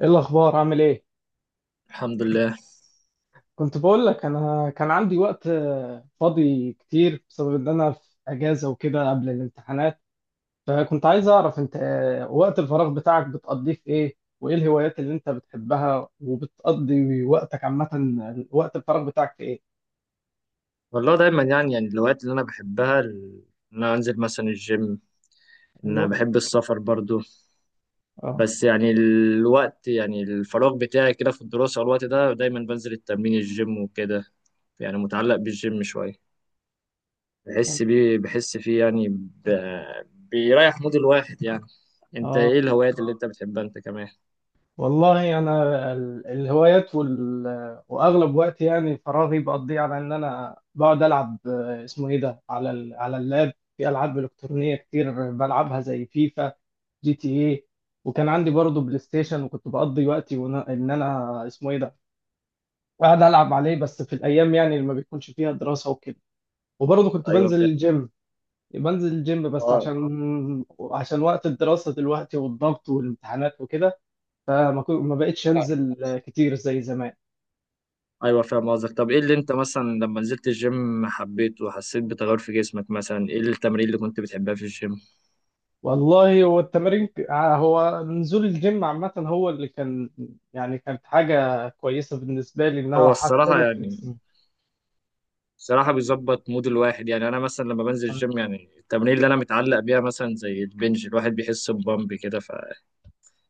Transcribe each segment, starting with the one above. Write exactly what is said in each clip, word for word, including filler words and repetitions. ايه الاخبار عامل ايه؟ الحمد لله. كنت بقول لك انا كان عندي وقت آه، فاضي كتير بسبب ان انا في اجازه وكده قبل الامتحانات. فكنت عايز اعرف انت، آه، وقت الفراغ بتاعك بتقضيه في ايه، وايه الهوايات اللي انت بتحبها وبتقضي وقتك عامه؟ وقت الفراغ بتاعك في ايه؟ والله دايما يعني يعني الهوايات اللي انا بحبها ال- ان انا انزل مثلا الجيم، ان انا ايوه. بحب السفر برضو. اه. بس يعني الوقت يعني الفراغ بتاعي كده في الدراسة، والوقت ده دايما بنزل التمرين الجيم وكده، يعني متعلق بالجيم شوية. بحس بيه بحس فيه يعني ب... بيريح مود الواحد يعني. انت ايه اه. الهوايات اللي انت بتحبها انت كمان؟ والله انا ال- الهوايات وال... واغلب وقتي يعني فراغي بقضيه على ان انا بقعد العب، آه، اسمه ايه ده على ال... على اللاب في العاب الكترونيه كتير بلعبها زي فيفا، جي تي اي. وكان عندي برضه بلاي ستيشن، وكنت بقضي وقتي ونا... ان انا اسمه ايه ده قاعد العب عليه، بس في الايام يعني اللي ما بيكونش فيها دراسه وكده. وبرضه كنت ايوه بنزل فاهم. الجيم. بنزل الجيم بس اه. عشان، عشان وقت الدراسه دلوقتي والضغط والامتحانات وكده، فما كو- ما بقتش انزل كتير زي زمان. ايوه فاهم قصدك. طب ايه اللي انت مثلا لما نزلت الجيم حبيته وحسيت بتغير في جسمك؟ مثلا ايه التمرين اللي كنت بتحبها في الجيم؟ والله هو التمارين ك- آه، هو نزول الجيم عامة هو اللي كان يعني كانت حاجة كويسة بالنسبة لي، إنها هو الصراحة حسنت في يعني جسمي. الصراحة بيظبط مود الواحد، يعني أنا مثلا لما بنزل اه. الجيم يعني التمرين اللي أنا متعلق بيها مثلا زي البنج، الواحد بيحس ببامب كده،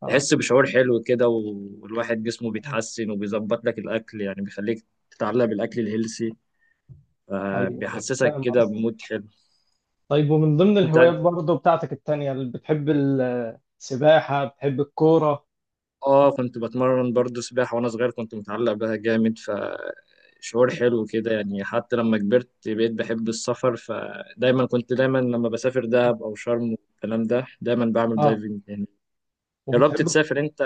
آه. فتحس بشعور حلو كده، والواحد جسمه بيتحسن وبيظبط لك الأكل، يعني بيخليك تتعلق بالأكل الهيلسي، أيوه، أيوه فبيحسسك فاهم كده قصدك. بمود حلو. طيب، ومن ضمن أنت الهوايات برضه بتاعتك التانية اللي بتحب، السباحة؟ بتحب الكورة؟ اه كنت بتمرن برضو سباحة وانا صغير كنت متعلق بها جامد، فشعور حلو كده يعني. حتى لما كبرت بقيت بحب السفر، فدايما كنت دايما لما بسافر دهب او شرم والكلام ده دايما بعمل اه. دايفنج يعني. جربت وبتحب. تسافر انت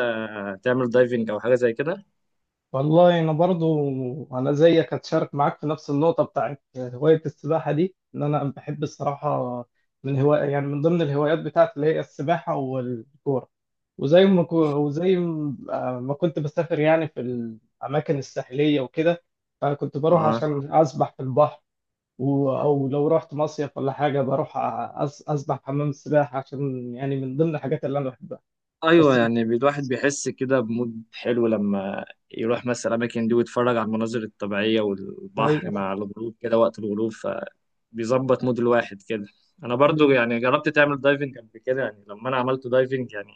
تعمل دايفنج او حاجة زي كده؟ والله انا برضو انا زيك، هتشارك معاك في نفس النقطه بتاعت هوايه السباحه دي. ان انا بحب الصراحه من هوايه يعني من ضمن الهوايات بتاعتي اللي هي السباحه والكوره. وزي ما كو- وزي ما ما كنت بسافر يعني في الاماكن الساحليه وكده، فكنت بروح اه. عشان اسبح في البحر. و- او لو رحت مصيف ولا حاجه بروح أس- اسبح في حمام السباحه، عشان يعني من ضمن الحاجات اللي انا بحبها. ايوه بس يعني بي- الواحد بيحس كده بمود حلو لما يروح مثلا الاماكن دي ويتفرج على المناظر الطبيعية والبحر أيوة. مع الغروب كده وقت الغروب، بيظبط مود الواحد كده. انا برضو يعني جربت تعمل دايفنج قبل كده؟ يعني لما انا عملت دايفنج يعني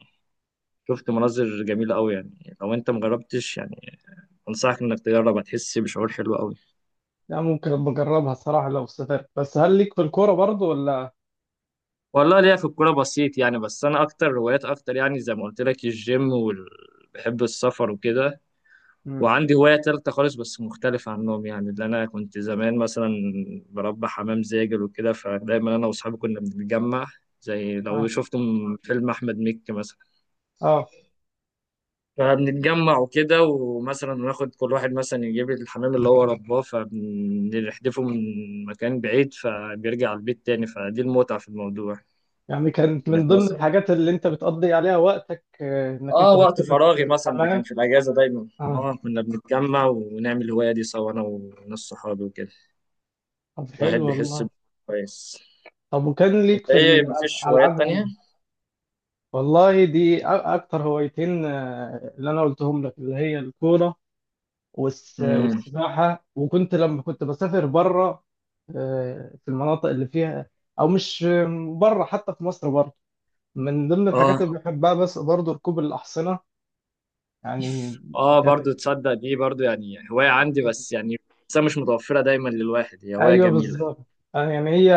شفت مناظر جميلة قوي، يعني لو انت مجربتش يعني انصحك انك تجرب، هتحس بشعور حلو قوي. لا ممكن بجربها الصراحة لو سافرت. بس هل ليك في الكورة برضو ولا؟ والله ليا في الكورة بسيط يعني، بس انا اكتر هوايات اكتر يعني زي ما قلت لك الجيم وال... بحب السفر وكده. مم. وعندي هواية تالتة خالص بس مختلفة عنهم، يعني اللي أنا كنت زمان مثلا بربي حمام زاجل وكده، فدايما أنا وأصحابي كنا بنتجمع زي لو اه. شفتم فيلم أحمد مكي مثلا، اه فبنتجمع وكده، ومثلا ناخد كل واحد مثلا يجيب لي الحمام اللي هو رباه فبنحدفه من مكان بعيد فبيرجع البيت تاني، فدي المتعة في الموضوع. يعني كانت من انك ضمن مثلا الحاجات اللي انت بتقضي عليها وقتك، آه، انك اه انت كنت وقت فراغي مثلا ده كان بتتحمل. في الاجازة دايما، اه. اه كنا بنتجمع ونعمل الهواية دي سوا انا وناس صحابي وكده. طب الواحد حلو بيحس والله. كويس. طب وكان ليك انت في ايه مفيش هوايات الألعاب تانية؟ ال- والله دي أ- أكتر هوايتين آه، اللي أنا قلتهم لك، اللي هي الكورة والس- امم. والسباحة. وكنت لما كنت بسافر بره، آه، في المناطق اللي فيها، أو مش بره، حتى في مصر، بره من ضمن الحاجات اه. اللي بحبها بس برضه ركوب الأحصنة يعني. اه كانت. برضو تصدق دي برضو يعني هواية عندي، مم. بس يعني بس مش متوفرة دايما للواحد، هي هواية أيوه جميلة. بالظبط. آه، يعني هي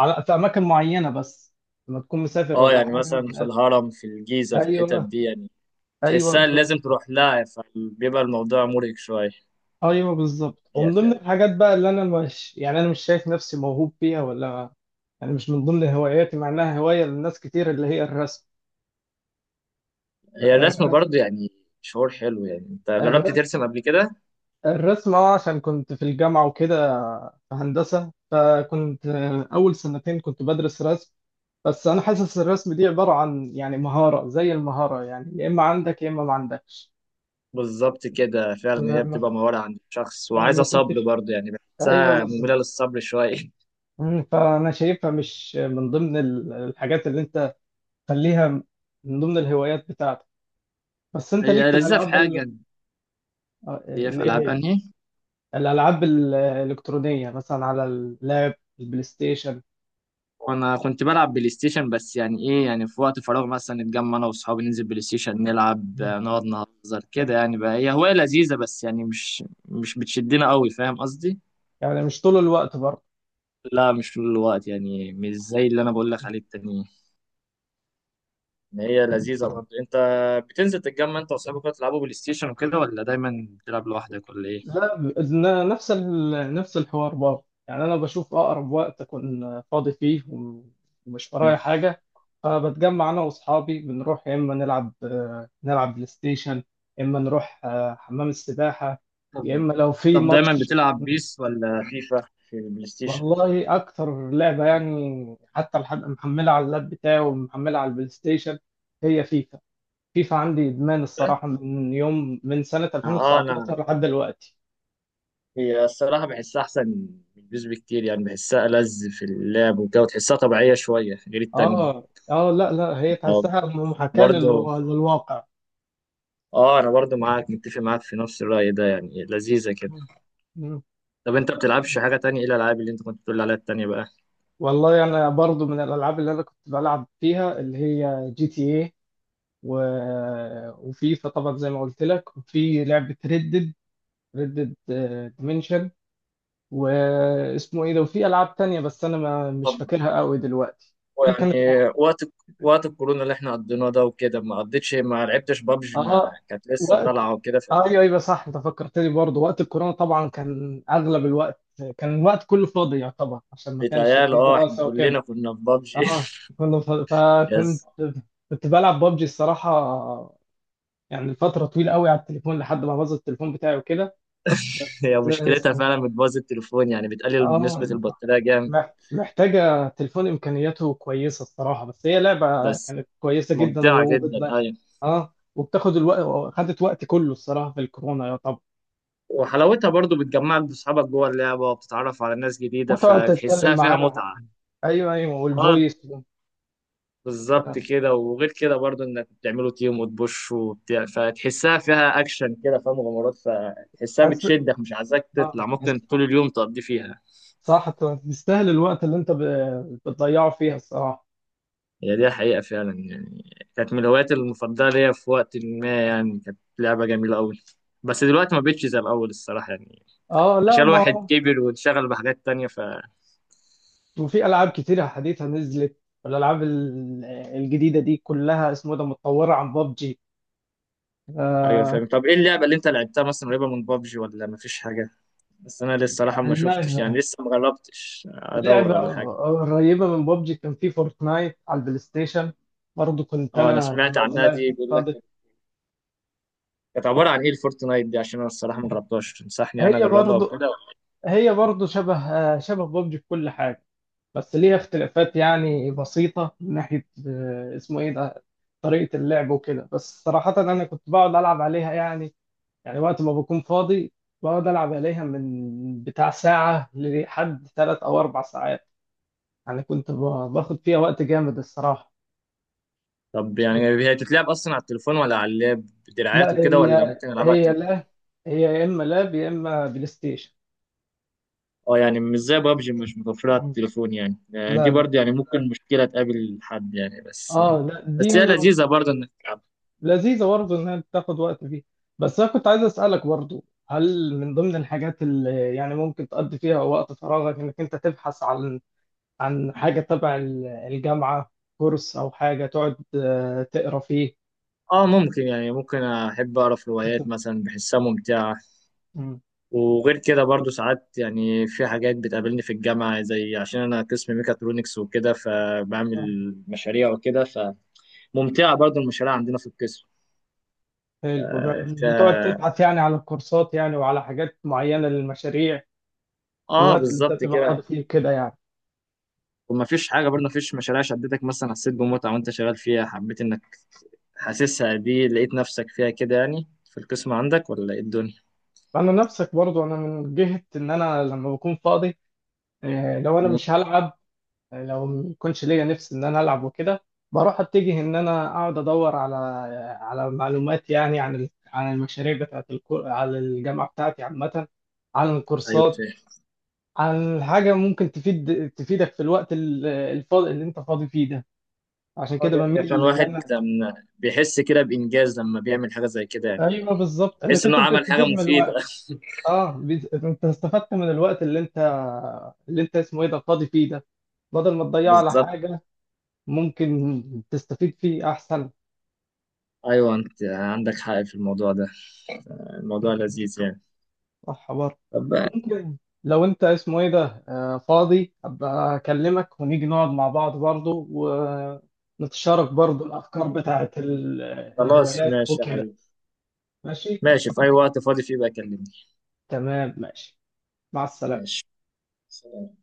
على على- في أماكن معينة بس لما تكون مسافر اه ولا يعني حاجة. مثلا في الهرم في الجيزة في الحتت أيوه. دي يعني، أيوه تحسها اللي لازم ب- تروح لها، فبيبقى الموضوع مرهق شوية. أيوه بالظبط. هي ومن ضمن فعلا. الحاجات بقى اللي أنا مش يعني أنا مش شايف نفسي موهوب فيها ولا يعني مش من ضمن هواياتي، مع إنها هواية لناس كتير، اللي هي الرسم. هي الرسم الرسم. برضه يعني شعور حلو، يعني انت جربت الرسم. ترسم قبل كده؟ الرسم اه عشان كنت في الجامعة وكده، في هندسة، فكنت آه، أول سنتين كنت بدرس رسم. بس انا حاسس الرسم دي عباره عن يعني مهاره، زي المهاره يعني يا اما عندك يا اما ما عندكش. بالظبط كده فعلا، هي ما بتبقى مهارة عند الشخص أنا وعايزة ما صبر كنتش برضه، يعني ايوه بحسها مملة بالظبط. للصبر شوية مم، فانا شايفها مش من ضمن ال- الحاجات اللي انت خليها من ضمن الهوايات بتاعتك. بس انت ليك هي في لذيذة في الالعاب حاجة. ال- آه، هي ال- في ايه ألعاب هي أنهي؟ الالعاب الالكترونيه مثلا على اللاب، البلاي ستيشن. وانا كنت بلعب بلاي ستيشن، بس يعني ايه يعني في وقت فراغ مثلا نتجمع انا واصحابي ننزل بلاي ستيشن نلعب، مم. آه، نقعد نهزر كده يعني، بقى هي هواية لذيذة بس يعني مش مش بتشدنا قوي، فاهم قصدي؟ يعني مش طول الوقت برضه. لا مش طول الوقت يعني مش زي اللي انا بقول لك عليه التانيين، إن هي لذيذة برضه. انت بتنزل تتجمع انت واصحابك كده تلعبوا بلاي ستيشن وكده ولا دايما بتلعب لوحدك ولا ايه؟ لا ب- ن- نفس ال... نفس الحوار برضه يعني. انا بشوف اقرب وقت اكون فاضي فيه وم- ومش مم. ورايا حاجه، فبتجمع انا واصحابي بنروح يا اما نلعب، آه، نلعب بلاي ستيشن، يا اما نروح آه، حمام السباحه، طب يا اما لو في طب دايما ماتش. بتلعب بيس ولا فيفا في البلاي ستيشن؟ والله اكتر لعبه يعني حتى لحد محملها على اللاب بتاعي ومحملها على البلاي ستيشن هي فيفا. فيفا عندي ادمان الصراحه من يوم، من سنه اه انا ألفين وتسعطاشر لحد دلوقتي. هي الصراحة بحسها أحسن من بيس بكتير يعني، بحسها ألذ في اللعب وكده، وتحسها طبيعية شوية غير التانية. اه. اه. لا لا، هي أه تحسها محاكاة برضه. للوا- للواقع. أه أنا برضه معاك متفق معاك في نفس الرأي ده، يعني لذيذة كده. مم. مم. طب أنت بتلعبش حاجة تانية؟ إيه الألعاب اللي أنت كنت بتقول عليها التانية بقى؟ والله انا برضو من الالعاب اللي انا كنت بلعب فيها اللي هي جي تي اي و... وفيفا طبعا زي ما قلت لك، وفي لعبة ريدد، ريدد ديمنشن واسمه ايه ده وفي العاب تانية بس انا ما مش طب فاكرها قوي دلوقتي. في كانت يعني وقت وقت الكورونا اللي إحنا قضيناه ده وكده، ما قضيتش ما لعبتش بابجي مع اه كانت لسه وقت طالعة وكده؟ آه، ايوه ايوه صح انت فكرتني برضه وقت الكورونا طبعا كان اغلب الوقت، كان الوقت كله فاضي يعتبر عشان ما كانش فبيتهيألي فيه أه إحنا دراسه وكده. كلنا كنا في بابجي اه كله ف... فكنت يس. كنت بلعب ببجي الصراحه يعني فتره طويله قوي على التليفون لحد ما باظ التليفون بتاعي وكده. هي بس- مشكلتها فعلا بتبوظ التليفون، يعني بتقلل نسبة اه البطارية جامد. مح- محتاجه تليفون امكانياته كويسه الصراحه، بس هي لعبه بس كانت كويسه جدا ممتعة جدا وبت... أيوة. اه وبتاخد الوقت، خدت وقت كله الصراحه في الكورونا يعتبر. وحلاوتها برضو بتجمعك بأصحابك جوه اللعبة وبتتعرف على ناس جديدة، وتقعد تتكلم فتحسها فيها معاهم. متعة. ايوه ايوه اه والفويس. بالظبط ده. كده. وغير كده برضو إنك بتعملوا تيم وتبوش وبتاع، فتحسها فيها أكشن كده، فيها مغامرات، فتحسها حاسس. بتشدك مش عايزاك اه تطلع، ممكن حاسس. طول اليوم تقضي فيها. صح. تستاهل الوقت اللي انت ب- بتضيعه فيها الصراحه. هي دي حقيقة فعلا يعني، كانت من الهوايات المفضلة ليا في وقت ما، يعني كانت لعبة جميلة أوي، بس دلوقتي ما بقتش زي الأول الصراحة، يعني اه لا عشان ما الواحد هو كبر وانشغل بحاجات تانية. وفي العاب كتيره حديثه نزلت، والالعاب ال- الجديده دي كلها اسمه ده متطوره عن ببجي. ايوه آه. فاهم. طب ايه اللعبه اللي انت لعبتها مثلا قريبه من بابجي ولا مفيش حاجه؟ بس انا لسه الصراحه ما شفتش اللعبه يعني لسه ما جربتش ادور لعبه ولا حاجه. قريبه من ببجي كان في فورتنايت على البلاي ستيشن برضه، كنت اه انا انا سمعت لما عنها دي، بلاقي بيقول لك فاضي. كانت عباره عن ايه الفورتنايت دي؟ عشان انا الصراحه ما جربتهاش، تنصحني انا هي اجربها برضه وكده؟ هي برضه شبه، آه، شبه ببجي في كل حاجه بس ليها اختلافات يعني بسيطة من ناحية آه، اسمه ايه ده طريقة اللعب وكده. بس صراحة أنا كنت بقعد ألعب عليها يعني، يعني وقت ما بكون فاضي بقعد ألعب عليها من بتاع ساعة لحد ثلاث أو أربع ساعات يعني، كنت ب- باخد فيها وقت جامد الصراحة. طب يعني هي تتلعب اصلا على التليفون ولا على اللاب بدراعات لا وكده ولا هي ممكن العبها على هي التليفون؟ لا، هي يا إما لاب يا إما بلاي ستيشن. اه يعني مش زي بابجي مش متوفره على مم. التليفون يعني، آه، دي لا لا. برضه يعني ممكن مشكله تقابل حد يعني بس. اه لا بس دي هي لذيذه برضه انك لذيذة برضه إنها بتاخد وقت فيه. بس أنا كنت عايز أسألك برضه، هل من ضمن الحاجات اللي يعني ممكن تقضي فيها وقت فراغك إنك أنت تبحث عن، عن حاجة تبع ال- الجامعة، كورس أو حاجة تقعد آه، تقرا فيه؟ اه ممكن يعني، ممكن احب اقرا في روايات مثلا بحسها ممتعه. مم. وغير كده برضو ساعات يعني في حاجات بتقابلني في الجامعه، زي عشان انا قسم ميكاترونكس وكده، آه، فبعمل مشاريع وكده، فممتعه برضو المشاريع عندنا في القسم. حلو. بتقعد تبحث يعني على الكورسات يعني وعلى حاجات معينة للمشاريع في اه الوقت اللي أنت بالظبط بتبقى فاضي كده. فيه كده يعني. ومفيش حاجه برضو مفيش مشاريع شدتك مثلا حسيت بمتعه وانت شغال فيها، حبيت انك حاسسها دي لقيت نفسك فيها كده يعني في القسم عندك ولا ايه الدنيا؟ أنا نفسك برضه، أنا من جهة إن أنا لما بكون فاضي، آه، لو أنا مم، مش هلعب، لو ما يكونش ليا نفس ان انا العب وكده، بروح اتجه ان انا اقعد ادور على، على معلومات يعني عن ال- عن المشاريع بتاعت الكو... على الجامعه بتاعتي عامه، عن ايوه الكورسات، فاهم. عن حاجه ممكن تفيد، تفيدك في الوقت ال- الفاضي اللي انت فاضي فيه ده. عشان اه كده دي حقيقة. عشان بميل ان الواحد انا. لما بيحس كده بانجاز لما بيعمل حاجه زي كده يعني. ايوه بالظبط تحس انك انه انت عمل حاجه بتستفيد من مفيده الوقت. اه بت- انت استفدت من الوقت اللي انت، اللي انت اسمه ايه ده فاضي فيه ده بدل ما تضيعه على بالظبط. حاجه، ممكن تستفيد فيه احسن. ايوه انت عندك حق في الموضوع ده، الموضوع لذيذ يعني. صح برضه. طب ممكن لو انت اسمه ايه ده آه، فاضي، ابقى اكلمك ونيجي نقعد مع بعض برضه ونتشارك برضه الافكار بتاعت ال- خلاص الهوايات ماشي يا وكده. حبيبي. ماشي، ماشي. في اي وقت فاضي فيه بقى كلمني. تمام ماشي، مع السلامة. ماشي. سلام.